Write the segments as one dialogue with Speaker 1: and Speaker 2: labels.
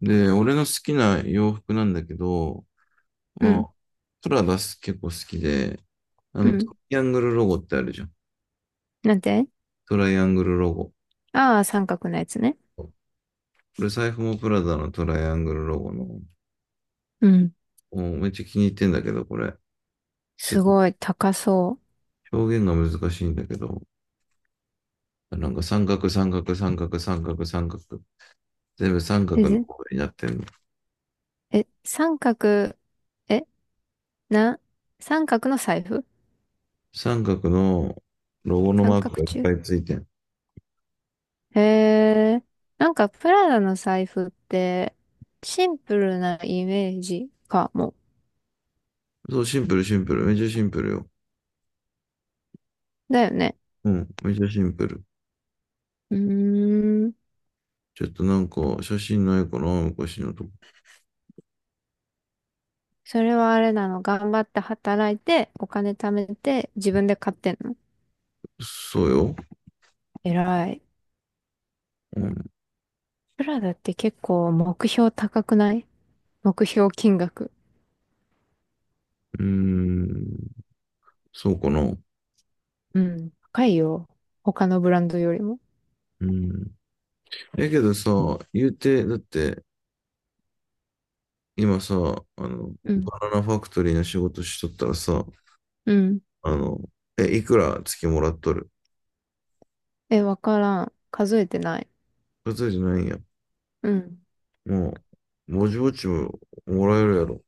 Speaker 1: で、俺の好きな洋服なんだけど、
Speaker 2: う
Speaker 1: ま
Speaker 2: ん。
Speaker 1: あ、トラがす結構好きで、
Speaker 2: う
Speaker 1: ト
Speaker 2: ん。
Speaker 1: ライアングルロゴってあるじゃん。
Speaker 2: なんて
Speaker 1: トライアングルロゴ。
Speaker 2: ああー、三角のやつね。
Speaker 1: これ財布もプラダのトライアングルロゴの、も
Speaker 2: うん。
Speaker 1: うめっちゃ気に入ってんだけど、これ。ちょっ
Speaker 2: す
Speaker 1: と
Speaker 2: ごい、高そ
Speaker 1: 表現が難しいんだけど、なんか三角、三角、三角、三角、三角。全部三
Speaker 2: う。
Speaker 1: 角の方になってんの。
Speaker 2: え、三角、え、な、三角の財布。
Speaker 1: 三角のロゴの
Speaker 2: 三
Speaker 1: マー
Speaker 2: 角
Speaker 1: クがいっ
Speaker 2: 柱。
Speaker 1: ぱいついてん。
Speaker 2: へえ、なんかプラダの財布って、シンプルなイメージかも。
Speaker 1: そう、シンプル、シンプル。めっちゃシンプルよ。
Speaker 2: だよね。
Speaker 1: うん、めっちゃシンプル。
Speaker 2: うーん。
Speaker 1: ちょっとなんか写真ないかな、昔のとこ。
Speaker 2: それはあれなの？頑張って働いて、お金貯めて、自分で買ってんの？
Speaker 1: そうよ。
Speaker 2: 偉い。
Speaker 1: うん、
Speaker 2: プラダって結構目標高くない？目標金額。
Speaker 1: うーん、そうかな。
Speaker 2: うん。高いよ。他のブランドよりも。
Speaker 1: うん。けどさ、言うて、だって今さ、
Speaker 2: うん。
Speaker 1: バナナファクトリーの仕事しとったらさ、
Speaker 2: うん。
Speaker 1: あの、いくら月もらっとる？
Speaker 2: え、わからん。数えてない。
Speaker 1: それじゃないんや。
Speaker 2: うん。
Speaker 1: もう、ぼちぼちももらえるやろ。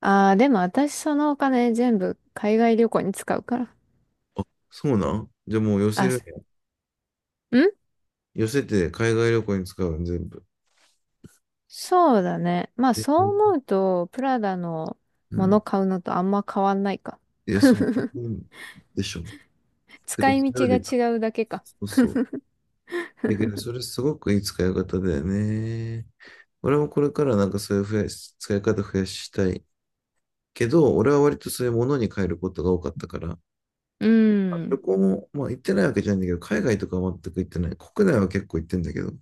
Speaker 2: ああ、でも私そのお金全部海外旅行に使うから。
Speaker 1: あ、そうなん？じゃあもう寄せ
Speaker 2: あ、
Speaker 1: る
Speaker 2: す
Speaker 1: やん。
Speaker 2: ん
Speaker 1: 寄せて海外旅行に使うの全部。
Speaker 2: そうだね。まあそう
Speaker 1: え
Speaker 2: 思うと、プラダの
Speaker 1: う
Speaker 2: もの
Speaker 1: ん。
Speaker 2: 買うのとあんま変わんないか。
Speaker 1: そう、でしょ。て
Speaker 2: 使
Speaker 1: か、そ
Speaker 2: い
Speaker 1: れよ
Speaker 2: 道が
Speaker 1: り、
Speaker 2: 違うだけか。
Speaker 1: そうそう。だけど、それすごくいい使い方だよね。俺もこれからなんかそういう増やし、使い方増やしたい。けど、俺は割とそういうものに変えることが多かったから、
Speaker 2: うん。う
Speaker 1: 旅
Speaker 2: ん
Speaker 1: 行も、まあ行ってないわけじゃないんだけど、海外とかは全く行ってない。国内は結構行ってんだけど。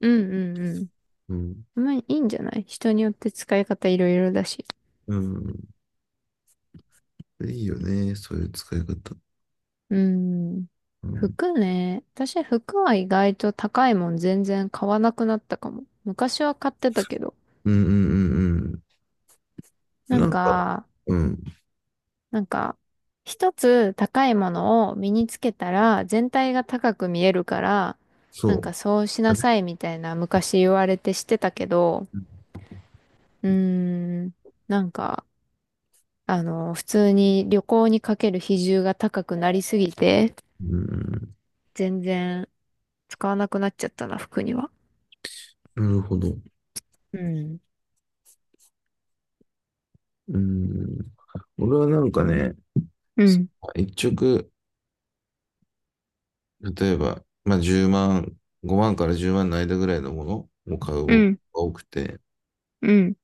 Speaker 2: うん
Speaker 1: うん。
Speaker 2: うん。まあいいんじゃない？人によって使い方いろいろだし。
Speaker 1: うん。いいよね、そういう使い方。
Speaker 2: うん。
Speaker 1: うん。
Speaker 2: 服ね。私、服は意外と高いもん全然買わなくなったかも。昔は買ってたけど。
Speaker 1: うんうんうんうん。
Speaker 2: な
Speaker 1: な
Speaker 2: ん
Speaker 1: んか、
Speaker 2: か、
Speaker 1: うん。
Speaker 2: なんか、一つ高いものを身につけたら全体が高く見えるから、な
Speaker 1: そ
Speaker 2: ん
Speaker 1: う。
Speaker 2: かそうしなさいみたいな昔言われてしてたけど、うーん、なんか、普通に旅行にかける比重が高くなりすぎて、
Speaker 1: うん。
Speaker 2: 全然使わなくなっちゃったな、服には。
Speaker 1: なるほど。
Speaker 2: うん。
Speaker 1: うん。俺はなんかね、
Speaker 2: うん。
Speaker 1: 一直、例えば、まあ10万、5万から10万の間ぐらいのものを買う
Speaker 2: う
Speaker 1: 方が
Speaker 2: ん
Speaker 1: 多くて、
Speaker 2: うん。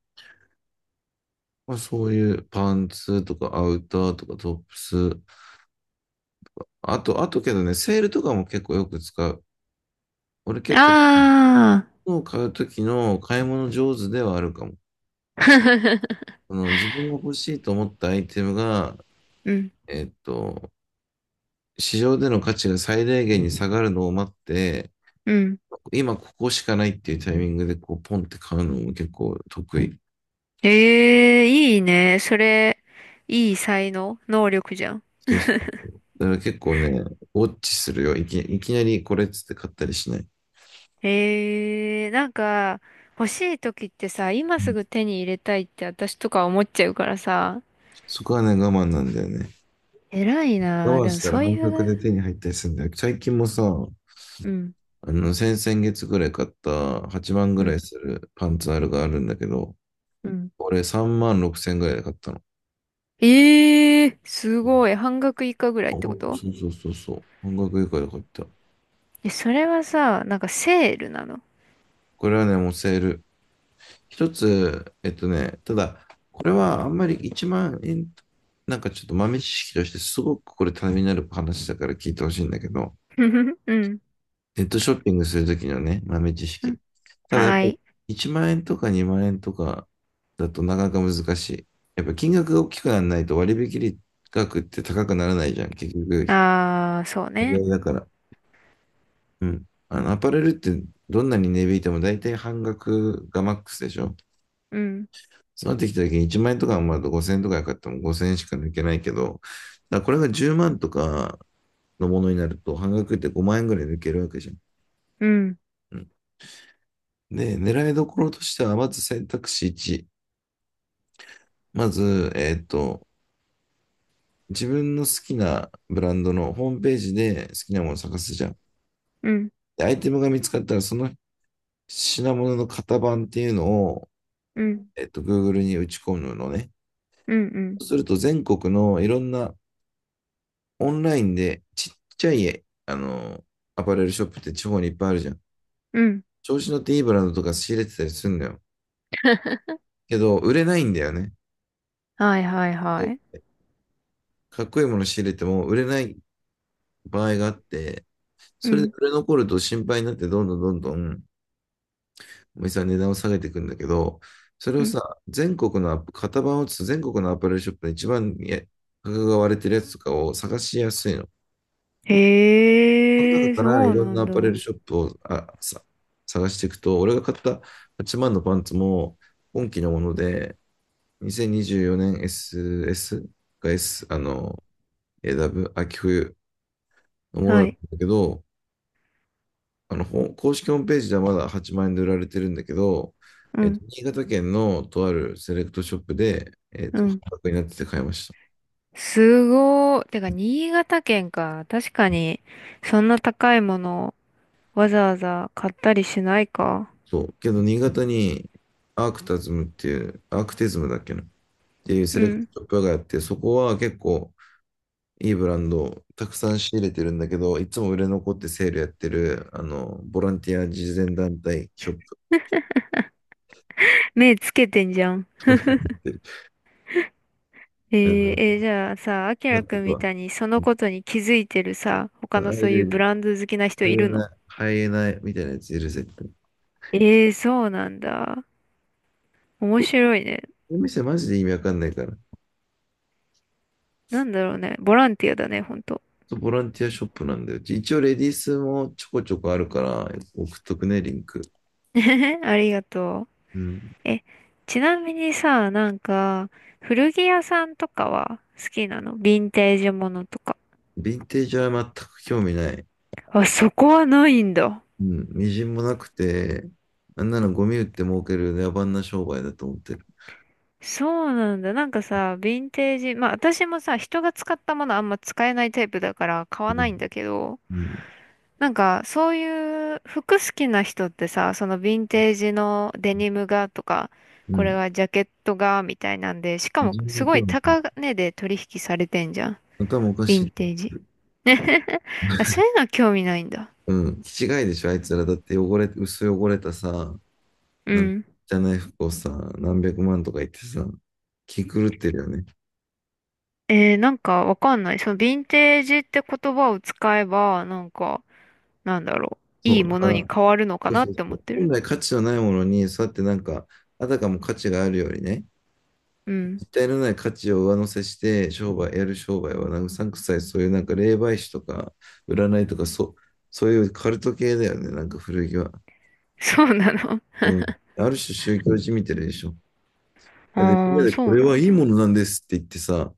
Speaker 1: まあそういうパンツとかアウターとかトップス、あとけどね、セールとかも結構よく使う。俺結構、
Speaker 2: ああ、
Speaker 1: 物を買う時の買い物上手ではあるかも。その自分が欲しいと思ったアイテムが、
Speaker 2: うん、
Speaker 1: えっと、市場での価値が最大限に下がるのを待って、
Speaker 2: うん。
Speaker 1: 今ここしかないっていうタイミングでこうポンって買うのも結構得意。
Speaker 2: ええ、いいね。それ、いい才能、能力じゃん。
Speaker 1: そうそうそう。だから結構ね、ウォッチするよ。いきなりこれっつって買ったりしない。
Speaker 2: ええ、なんか、欲しい時ってさ、今
Speaker 1: う
Speaker 2: す
Speaker 1: ん。
Speaker 2: ぐ手に入れたいって私とか思っちゃうからさ、
Speaker 1: そこはね、我慢なんだよね。
Speaker 2: 偉い
Speaker 1: 我
Speaker 2: なあ。
Speaker 1: 慢
Speaker 2: でも
Speaker 1: したら
Speaker 2: そう
Speaker 1: 半
Speaker 2: い
Speaker 1: 額で
Speaker 2: う、
Speaker 1: 手に入ったりするんだよ。最近もさ、
Speaker 2: うん、
Speaker 1: 先々月ぐらい買った8万ぐ
Speaker 2: う
Speaker 1: ら
Speaker 2: ん、
Speaker 1: いするパンツあるがあるんだけど、
Speaker 2: うん。
Speaker 1: 俺3万6千ぐらいで買ったの。
Speaker 2: ええ、すごい。半額以下ぐらいっ
Speaker 1: 半
Speaker 2: てこ
Speaker 1: 額、
Speaker 2: と？
Speaker 1: そうそうそうそう。半額以下で買った。
Speaker 2: え、それはさ、なんかセールなの？
Speaker 1: これはね、もうセール。一つ、ただ、これはあんまり1万円、なんかちょっと豆知識としてすごくこれためになる話だから聞いてほしいんだけど、
Speaker 2: ふふふ うん、
Speaker 1: ネットショッピングするときのね、豆知
Speaker 2: う
Speaker 1: 識。
Speaker 2: ん。
Speaker 1: ただやっぱ
Speaker 2: は
Speaker 1: り
Speaker 2: い。
Speaker 1: 1万円とか2万円とかだとなかなか難しい。やっぱ金額が大きくならないと割引額って高くならないじゃん。結局、
Speaker 2: ああ、そう
Speaker 1: 割
Speaker 2: ね。
Speaker 1: 合だから。うん。アパレルってどんなに値引いても大体半額がマックスでしょ？
Speaker 2: うん、
Speaker 1: そうなってきた時に1万円とかまあ5000円とかよかったらもう5000円しか抜けないけど、だこれが10万とかのものになると半額って5万円ぐらい抜けるわけじゃん。
Speaker 2: うん、
Speaker 1: うん。で、狙いどころとしては、まず選択肢1。まず、自分の好きなブランドのホームページで好きなものを探すじゃん。
Speaker 2: うん。
Speaker 1: で、アイテムが見つかったら、その品物の型番っていうのを、
Speaker 2: うん、
Speaker 1: Google に打ち込むのね。
Speaker 2: うん、うん、
Speaker 1: そうすると、全国のいろんなオンラインでちっちゃい、アパレルショップって地方にいっぱいあるじゃん。
Speaker 2: うん。
Speaker 1: 調子乗っていいブランドとか仕入れてたりするんだよ。けど、売れないんだよね。
Speaker 2: はいはいは
Speaker 1: そ
Speaker 2: い。
Speaker 1: う。かっこいいもの仕入れても売れない場合があって、
Speaker 2: う
Speaker 1: それで
Speaker 2: ん、
Speaker 1: 売れ残ると心配になって、どんどんどんどん、お店は値段を下げていくんだけど、それ
Speaker 2: う
Speaker 1: を
Speaker 2: ん。
Speaker 1: さ、全国の型番を打つと全国のアパレルショップで一番価格が割れてるやつとかを探しやすいの。その中
Speaker 2: へえ、
Speaker 1: か
Speaker 2: そ
Speaker 1: らい
Speaker 2: う
Speaker 1: ろん
Speaker 2: な
Speaker 1: な
Speaker 2: ん
Speaker 1: ア
Speaker 2: だ。
Speaker 1: パレルショップを探していくと、俺が買った8万のパンツも今期のもので、2024年 SS か S、AW、秋冬のものだ
Speaker 2: は
Speaker 1: ったん
Speaker 2: い。
Speaker 1: だけど、公式ホームページではまだ8万円で売られてるんだけど、
Speaker 2: うん、
Speaker 1: 新潟県のとあるセレクトショップで、
Speaker 2: う
Speaker 1: 半
Speaker 2: ん。
Speaker 1: 額になってて買いました。
Speaker 2: すごー。てか、新潟県か。確かに、そんな高いものをわざわざ買ったりしないか。
Speaker 1: そう。けど、新潟にアークタズムっていう、アークテズムだっけなっていうセ
Speaker 2: う
Speaker 1: レクトシ
Speaker 2: ん。
Speaker 1: ョップがあって、そこは結構、いいブランド、たくさん仕入れてるんだけど、いつも売れ残ってセールやってる、ボランティア慈善団体ショップ、
Speaker 2: 目つけてんじゃん。
Speaker 1: 飛びに行ってる、
Speaker 2: え
Speaker 1: あ
Speaker 2: ー、
Speaker 1: の、
Speaker 2: えーじゃあさ、あき
Speaker 1: な
Speaker 2: ら
Speaker 1: んと
Speaker 2: くんみた
Speaker 1: か、
Speaker 2: いにそのことに気づいてるさ、他
Speaker 1: ア
Speaker 2: の
Speaker 1: イ
Speaker 2: そ
Speaker 1: レ
Speaker 2: ういうブ
Speaker 1: ル、
Speaker 2: ランド好きな人
Speaker 1: ハ
Speaker 2: い
Speaker 1: イエ
Speaker 2: るの？
Speaker 1: ナ、ハイエナみたいなやついる、絶対。
Speaker 2: えー、そうなんだ。面白いね。
Speaker 1: お店マジで意味わかんないから。
Speaker 2: なんだろうね。ボランティアだね、ほんと。
Speaker 1: そう、ボランティアショップなんだよ。一応レディースもちょこちょこあるから、送っとくね、リンク。
Speaker 2: ありがとう。
Speaker 1: うん。
Speaker 2: え、ちなみにさ、なんか、古着屋さんとかは好きなの？ヴィンテージものとか。
Speaker 1: ヴィンテージは全く興味ない。
Speaker 2: あ、そこはないんだ。
Speaker 1: うん。みじんもなくて、あんなのゴミ売って儲ける野蛮な商売だと思ってる。
Speaker 2: そうなんだ。なんかさ、ヴィンテージ、まあ私もさ、人が使ったものあんま使えないタイプだから買
Speaker 1: う
Speaker 2: わな
Speaker 1: ん。
Speaker 2: いんだけど、
Speaker 1: うん、
Speaker 2: なんかそういう服好きな人ってさ、そのヴィンテージのデニムがとか、
Speaker 1: う
Speaker 2: こ
Speaker 1: ん。
Speaker 2: れはジャケットがみたいなんで、しか
Speaker 1: 人
Speaker 2: もす
Speaker 1: 類
Speaker 2: ご
Speaker 1: 教
Speaker 2: い
Speaker 1: 育、
Speaker 2: 高値で取引されてんじゃん。
Speaker 1: 頭おか
Speaker 2: ヴィ
Speaker 1: し
Speaker 2: ン
Speaker 1: い。
Speaker 2: テージ。あ、そういうのは興味ないんだ。
Speaker 1: うん。気違いでしょ、あいつら。だって薄汚れたさ、
Speaker 2: う
Speaker 1: なんか
Speaker 2: ん。
Speaker 1: じゃない服をさ、何百万とか言ってさ、気狂ってるよね。
Speaker 2: えー、なんかわかんない。そのヴィンテージって言葉を使えば、なんか、なんだろう。
Speaker 1: そ
Speaker 2: い
Speaker 1: う。
Speaker 2: い
Speaker 1: だ
Speaker 2: も
Speaker 1: か
Speaker 2: の
Speaker 1: ら、
Speaker 2: に変わるのか
Speaker 1: そう
Speaker 2: なっ
Speaker 1: そうそ
Speaker 2: て思っ
Speaker 1: う。
Speaker 2: て
Speaker 1: 本
Speaker 2: る。
Speaker 1: 来価値のないものに、そうやってなんか、あたかも価値があるようにね、
Speaker 2: うん。
Speaker 1: 実体のない価値を上乗せして、やる商売は、なんかうさんくさい、そういうなんか霊媒師とか、占いとか、そう、そういうカルト系だよね、なんか古着は。
Speaker 2: そうなの。
Speaker 1: うん。ある種宗教じみてるでしょ。だってみん
Speaker 2: あ
Speaker 1: な
Speaker 2: あ、
Speaker 1: で
Speaker 2: そ
Speaker 1: こ
Speaker 2: う
Speaker 1: れ
Speaker 2: な
Speaker 1: は
Speaker 2: ん
Speaker 1: いい
Speaker 2: だ。
Speaker 1: ものなんですって言ってさ、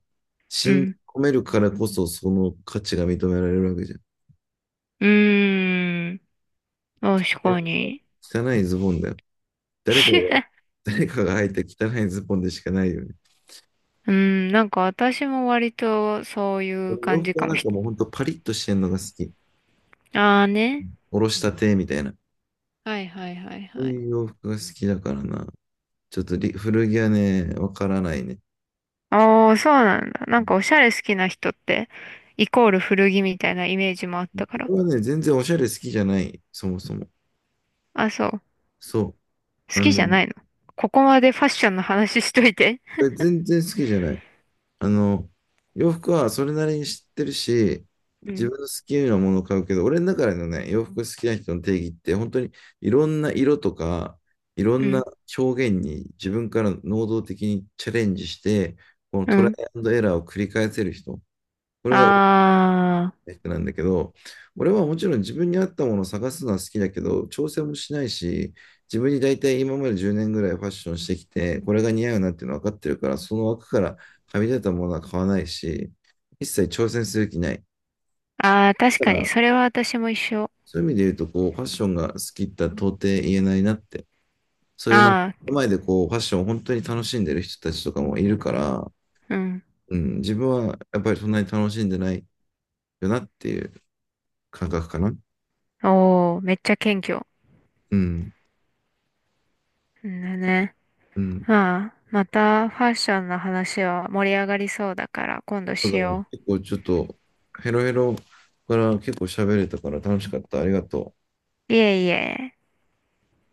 Speaker 2: う
Speaker 1: 信じ
Speaker 2: ん。
Speaker 1: 込めるからこそその価値が認められるわけじゃん。
Speaker 2: うーん。確かに。
Speaker 1: 汚いズボンだよ。誰かが、誰かが履いた汚いズボンでしかないよね。
Speaker 2: うん、なんか私も割とそういう
Speaker 1: 俺洋
Speaker 2: 感じ
Speaker 1: 服は
Speaker 2: か
Speaker 1: な
Speaker 2: も
Speaker 1: ん
Speaker 2: し、
Speaker 1: かもうほんとパリッとしてんのが好き。
Speaker 2: ああね。
Speaker 1: おろしたてみたいな。
Speaker 2: はいはいはい
Speaker 1: そう
Speaker 2: はい。
Speaker 1: いう洋服が好きだからな。ちょっと古着はね、わからないね。
Speaker 2: ああ、そうなんだ。なんかおしゃれ好きな人って、イコール古着みたいなイメージもあったか
Speaker 1: こ
Speaker 2: ら。
Speaker 1: れはね、全然おしゃれ好きじゃない。そもそも。
Speaker 2: あ、そう。好
Speaker 1: そう。
Speaker 2: きじゃないの？ここまでファッションの話しといて。
Speaker 1: 全然好きじゃない。あの、洋服はそれなりに知ってるし、
Speaker 2: う
Speaker 1: 自
Speaker 2: ん、
Speaker 1: 分の好きなものを買うけど、俺の中でのね、洋服好きな人の定義って、本当にいろんな色とか、いろ
Speaker 2: う
Speaker 1: んな
Speaker 2: ん、
Speaker 1: 表現に自分から能動的にチャレンジして、この
Speaker 2: う
Speaker 1: トライ
Speaker 2: ん。
Speaker 1: アンドエラーを繰り返せる人。これが
Speaker 2: あ
Speaker 1: 人なんだけど、俺はもちろん自分に合ったものを探すのは好きだけど、調整もしないし、自分に大体今まで10年ぐらいファッションしてきて、これが似合うなっていうの分かってるから、その枠からはみ出たものは買わないし、一切挑戦する気ない。
Speaker 2: あ、ああ、確
Speaker 1: だか
Speaker 2: かに、
Speaker 1: ら、
Speaker 2: それは私も一緒。
Speaker 1: そういう意味で言うと、こう、ファッションが好きって到底言えないなって、そういうなんか
Speaker 2: ああ、
Speaker 1: 前でこう、ファッションを本当に楽しんでる人たちとかもいるから、
Speaker 2: うん。
Speaker 1: うん、自分はやっぱりそんなに楽しんでないよなっていう感覚かな。
Speaker 2: おー、めっちゃ謙虚。
Speaker 1: うん。
Speaker 2: うんだね。
Speaker 1: うん、
Speaker 2: まあ、またファッションの話は盛り上がりそうだから、今度
Speaker 1: そう
Speaker 2: し
Speaker 1: だね。
Speaker 2: よ
Speaker 1: 結構ちょっとヘロヘロから結構喋れたから楽しかった。ありがとう。
Speaker 2: う。いえいえ。